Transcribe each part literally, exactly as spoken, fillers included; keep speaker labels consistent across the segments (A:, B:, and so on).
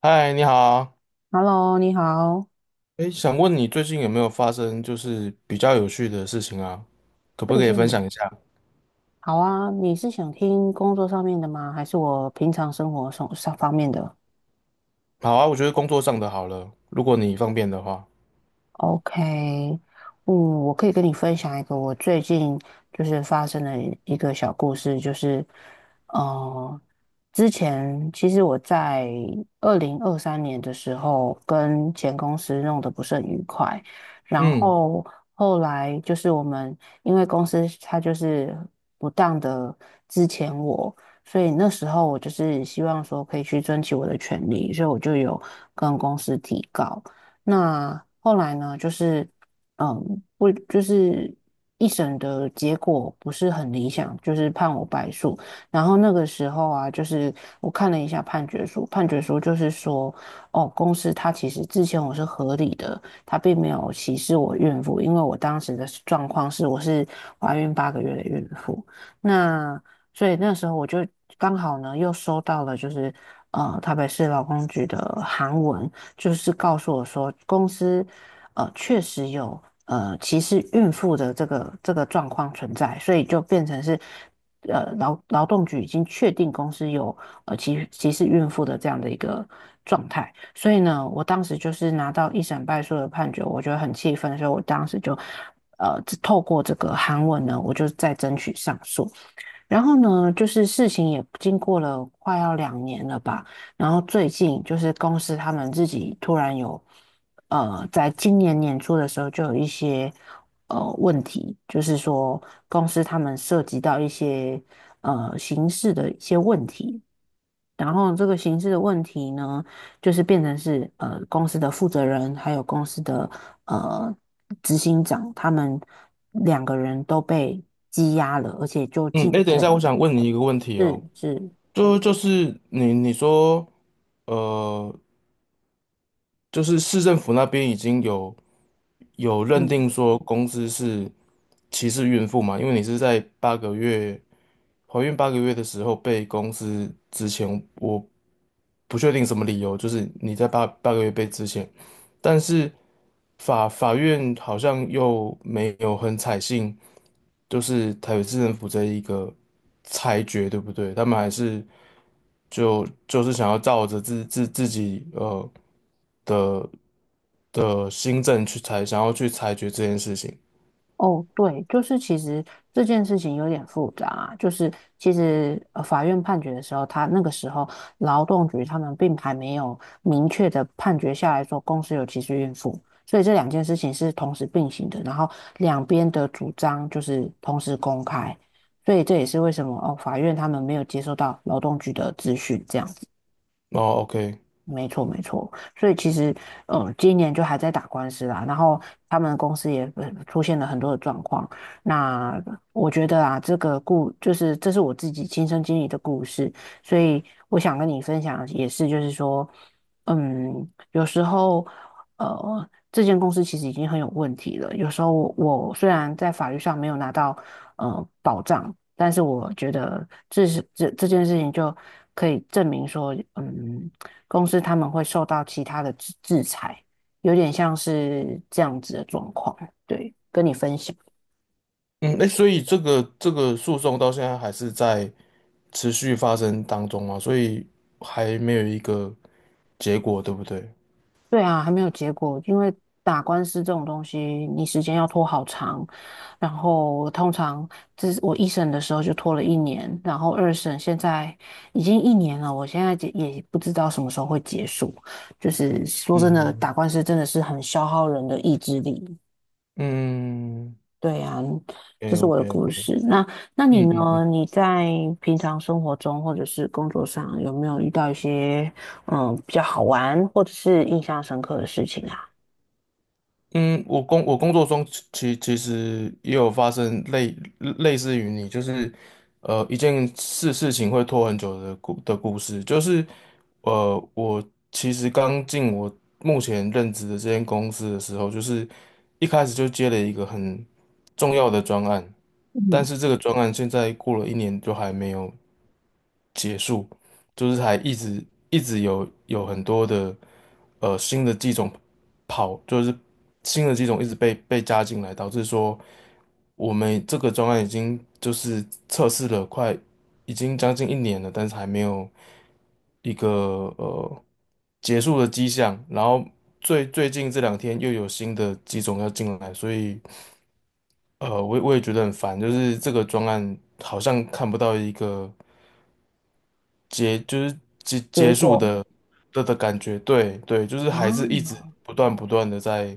A: 嗨，你好，
B: Hello，你好，
A: 哎，想问你最近有没有发生就是比较有趣的事情啊？可不
B: 最
A: 可以分享
B: 近
A: 一下？
B: 好啊，你是想听工作上面的吗？还是我平常生活上上方面的？
A: 好啊，我觉得工作上的好了，如果你方便的话。
B: OK，嗯，我可以跟你分享一个我最近就是发生的一个小故事，就是，呃，之前其实我在二零二三年的时候跟前公司弄得不是很愉快，然
A: 嗯
B: 后后来就是我们因为公司它就是不当的之前我，所以那时候我就是希望说可以去争取我的权利，所以我就有跟公司提告。那后来呢，就是嗯，不就是一审的结果不是很理想，就是判我败诉。然后那个时候啊，就是我看了一下判决书，判决书就是说，哦，公司它其实之前我是合理的，它并没有歧视我孕妇，因为我当时的状况是我是怀孕八个月的孕妇。那所以那时候我就刚好呢，又收到了就是呃台北市劳工局的函文。就是告诉我说，公司呃确实有呃歧视孕妇的这个这个状况存在，所以就变成是呃劳劳动局已经确定公司有呃歧歧视孕妇的这样的一个状态。所以呢，我当时就是拿到一审败诉的判决，我觉得很气愤，所以我当时就呃透过这个韩文呢，我就再争取上诉。然后呢，就是事情也经过了快要两年了吧，然后最近就是公司他们自己突然有，呃，在今年年初的时候就有一些呃问题，就是说公司他们涉及到一些呃刑事的一些问题，然后这个刑事的问题呢，就是变成是呃公司的负责人还有公司的呃执行长他们两个人都被羁押了，而且就
A: 嗯，
B: 进
A: 哎，等一
B: 监
A: 下，我
B: 了。
A: 想问你一个问题哦，
B: 是是，
A: 就就是你你说，呃，就是市政府那边已经有有认
B: 嗯，
A: 定说公司是歧视孕妇嘛？因为你是在八个月。怀孕八个月的时候被公司之前，我不确定什么理由，就是你在八八个月被之前，但是法法院好像又没有很采信，就是台北市政府这一个裁决，对不对？他们还是就就是想要照着自自自己呃的的新政去裁，想要去裁决这件事情。
B: 哦，对，就是其实这件事情有点复杂啊，就是其实呃法院判决的时候，他那个时候劳动局他们并还没有明确的判决下来说公司有歧视孕妇，所以这两件事情是同时并行的，然后两边的主张就是同时公开，所以这也是为什么哦，法院他们没有接收到劳动局的资讯，这样。
A: 哦，OK，
B: 没错，没错，所以其实，嗯，今年就还在打官司啦，然后他们公司也呃出现了很多的状况。那我觉得啊，这个故就是这是我自己亲身经历的故事，所以我想跟你分享，也是就是说，嗯，有时候，呃，这间公司其实已经很有问题了。有时候我，我虽然在法律上没有拿到呃保障，但是我觉得这是这这件事情就可以证明说，嗯。公司他们会受到其他的制制裁，有点像是这样子的状况。对，跟你分享。
A: 嗯，哎，所以这个这个诉讼到现在还是在，持续发生当中嘛，所以还没有一个结果，对不对？
B: 对啊，还没有结果，因为打官司这种东西，你时间要拖好长，然后通常这是我一审的时候就拖了一年，然后二审现在已经一年了，我现在也也不知道什么时候会结束。就是说
A: 嗯
B: 真的，打
A: 嗯
B: 官司真的是很消耗人的意志力。
A: 嗯
B: 对呀，这
A: k
B: 是我
A: OK
B: 的故
A: OK，
B: 事。那那你
A: 嗯嗯
B: 呢？
A: 嗯
B: 你在平常生活中或者是工作上有没有遇到一些嗯比较好玩或者是印象深刻的事情啊？
A: 嗯，我工我工作中其其实也有发生类类似于你，就是呃一件事事情会拖很久的故的故事，就是呃我其实刚进我目前任职的这间公司的时候，就是一开始就接了一个很重要的专案。但
B: 嗯，
A: 是这个专案现在过了一年就还没有结束，就是还一直一直有有很多的呃新的机种跑，就是新的机种一直被被加进来，导致说我们这个专案已经就是测试了快已经将近一年了，但是还没有一个呃结束的迹象。然后最最近这两天又有新的机种要进来，所以。呃，我也我也觉得很烦，就是这个专案好像看不到一个结，就是结
B: 结
A: 结束
B: 果
A: 的的的感觉，对对，就是还是一直
B: 啊，
A: 不断不断的在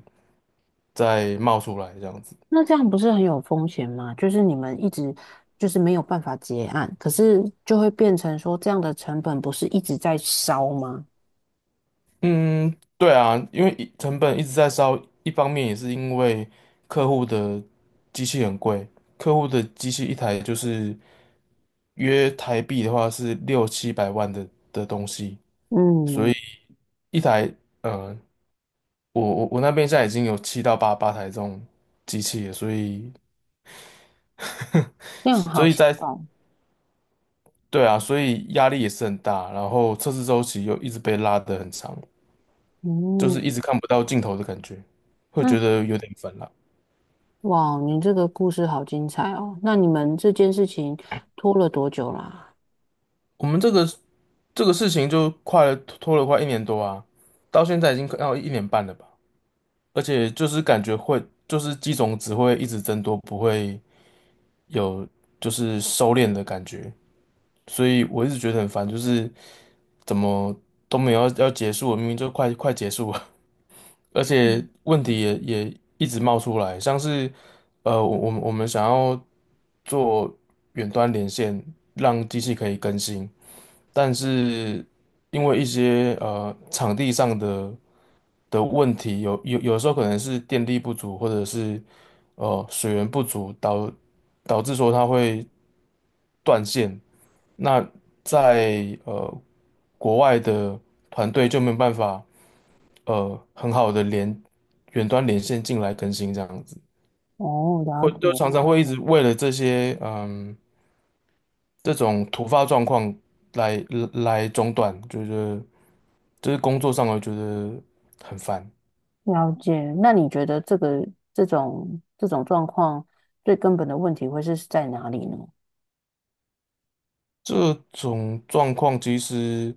A: 在冒出来这样子。
B: 那这样不是很有风险吗？就是你们一直就是没有办法结案，可是就会变成说这样的成本不是一直在烧吗？
A: 嗯，对啊，因为一成本一直在烧，一方面也是因为客户的机器很贵，客户的机器一台就是约台币的话是六七百万的的东西，所
B: 嗯，
A: 以一台呃我我我那边现在已经有七到八八台这种机器了，所以
B: 那样好
A: 所以
B: 奇
A: 在
B: 怪。
A: 对啊，所以压力也是很大，然后测试周期又一直被拉得很长，就是一
B: 嗯，
A: 直看不到尽头的感觉，会
B: 那
A: 觉得有点烦了。
B: 哇，你这个故事好精彩哦！那你们这件事情拖了多久啦？
A: 我们这个这个事情就快了拖了快一年多啊，到现在已经要一年半了吧，而且就是感觉会就是机种只会一直增多，不会有就是收敛的感觉，所以我一直觉得很烦，就是。怎么都没有要要结束了明明就快快结束了，而且
B: 嗯，
A: 问题也也一直冒出来，像是呃，我我们我们想要做远端连线，让机器可以更新，但是因为一些呃场地上的的问题，有有有时候可能是电力不足，或者是呃水源不足，导导致说它会断线。那在呃国外的团队就没有办法呃很好的连远端连线进来更新这样子，
B: 哦，了
A: 会就
B: 解
A: 常常会一直为了这些嗯这种突发状况来来中断，觉得就是工作上我觉得很烦。
B: 了解。那你觉得这个这种这种状况最根本的问题会是在哪里呢？
A: 这种状况其实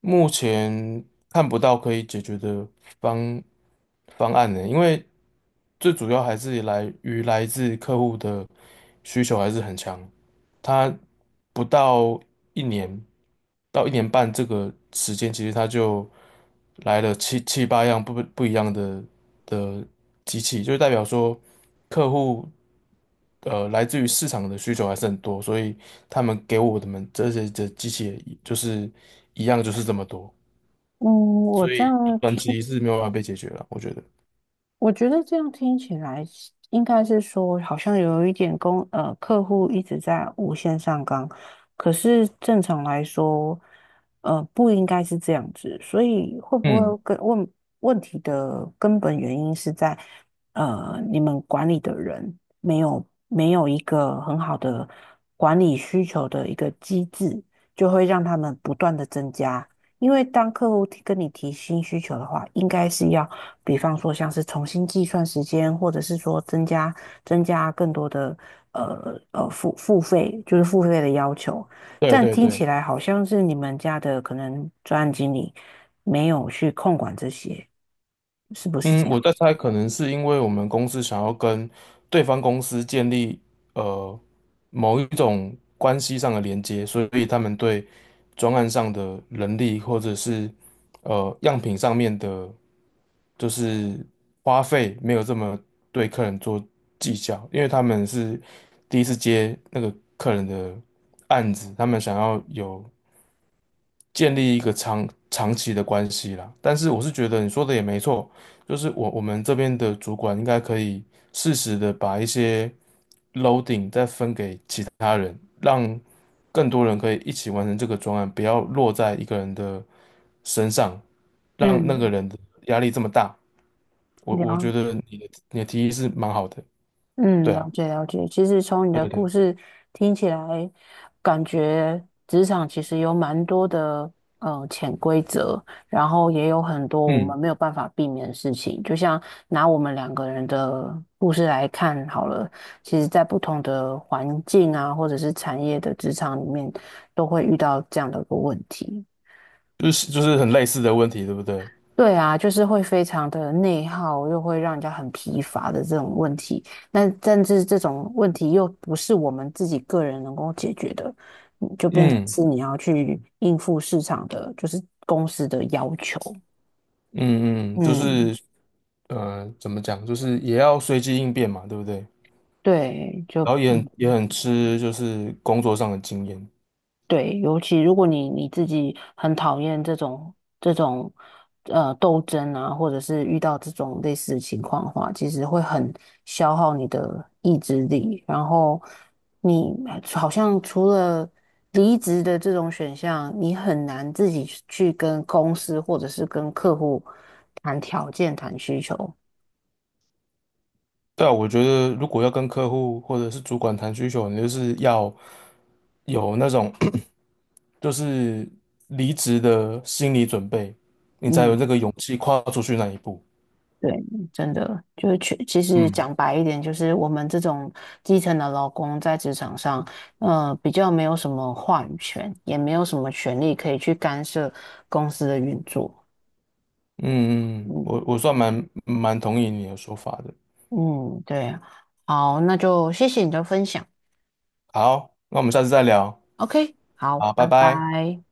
A: 目前看不到可以解决的方方案呢，因为最主要还是来于来自客户的需求还是很强。他不到一年到一年半这个时间，其实他就来了七七八样不不一样的的机器，就代表说客户呃来自于市场的需求还是很多，所以他们给我的们这些的机器也就是一样就是这么多，
B: 嗯，我
A: 所
B: 这
A: 以
B: 样
A: 短
B: 听
A: 期是没有办法被解决了，我觉得。
B: 我觉得这样听起来是应该是说，好像有一点公呃客户一直在无限上纲，可是正常来说，呃不应该是这样子，所以会不会
A: 嗯，
B: 跟问问题的根本原因是在呃你们管理的人没有没有一个很好的管理需求的一个机制，就会让他们不断的增加。因为当客户提跟你提新需求的话，应该是要比方说像是重新计算时间，或者是说增加增加更多的呃呃付付费，就是付费的要求。
A: 对
B: 但
A: 对
B: 听起
A: 对。
B: 来好像是你们家的可能专案经理没有去控管这些，是不是这
A: 嗯，我
B: 样？
A: 在猜，可能是因为我们公司想要跟对方公司建立呃某一种关系上的连接，所以他们对专案上的人力或者是呃样品上面的，就是花费没有这么对客人做计较，因为他们是第一次接那个客人的案子，他们想要有建立一个长长期的关系啦。但是我是觉得你说的也没错，就是我我们这边的主管应该可以适时的把一些他人，让更多人可以一起完成这个专案，不要落在一个人的身上，让那个
B: 嗯，
A: 人的压力这么大。我我觉
B: 聊。
A: 得你的你的提议是蛮好的，
B: 嗯，
A: 对
B: 了
A: 啊，
B: 解了解。其实从你
A: 对
B: 的
A: 不
B: 故
A: 对，
B: 事听起来，感觉职场其实有蛮多的呃潜规则，然后也有很多我们
A: 嗯，
B: 没有办法避免的事情。就像拿我们两个人的故事来看好了，其实在不同的环境啊，或者是产业的职场里面，都会遇到这样的一个问题。
A: 就是就是很类似的问题，对不对？
B: 对啊，就是会非常的内耗，又会让人家很疲乏的这种问题。那甚至这种问题又不是我们自己个人能够解决的，嗯就变成
A: 嗯。
B: 是你要去应付市场的，就是公司的要求。
A: 嗯嗯，就
B: 嗯，
A: 是呃，怎么讲，就是也要随机应变嘛，对不对？
B: 对，就
A: 然后也很也很吃就是工作上的经验。
B: 对，尤其如果你你自己很讨厌这种这种呃斗争啊，或者是遇到这种类似的情况的话，其实会很消耗你的意志力。然后你好像除了离职的这种选项，你很难自己去跟公司或者是跟客户谈条件、谈需求。
A: 对啊，我觉得如果要跟客户或者是主管谈需求，你就是要有那种 就是离职的心理准备，你才有
B: 嗯。
A: 这个勇气跨出去那一步。
B: 对，真的就是去，其实
A: 嗯
B: 讲白一点，就是我们这种基层的劳工在职场上，呃，比较没有什么话语权，也没有什么权利可以去干涉公司的运作。
A: 嗯嗯，
B: 嗯
A: 我我算蛮蛮同意你的说法的。
B: 嗯，对啊好，那就谢谢你的分享。
A: 好，那我们下次再聊。
B: OK，好，
A: 好，拜
B: 拜
A: 拜。
B: 拜。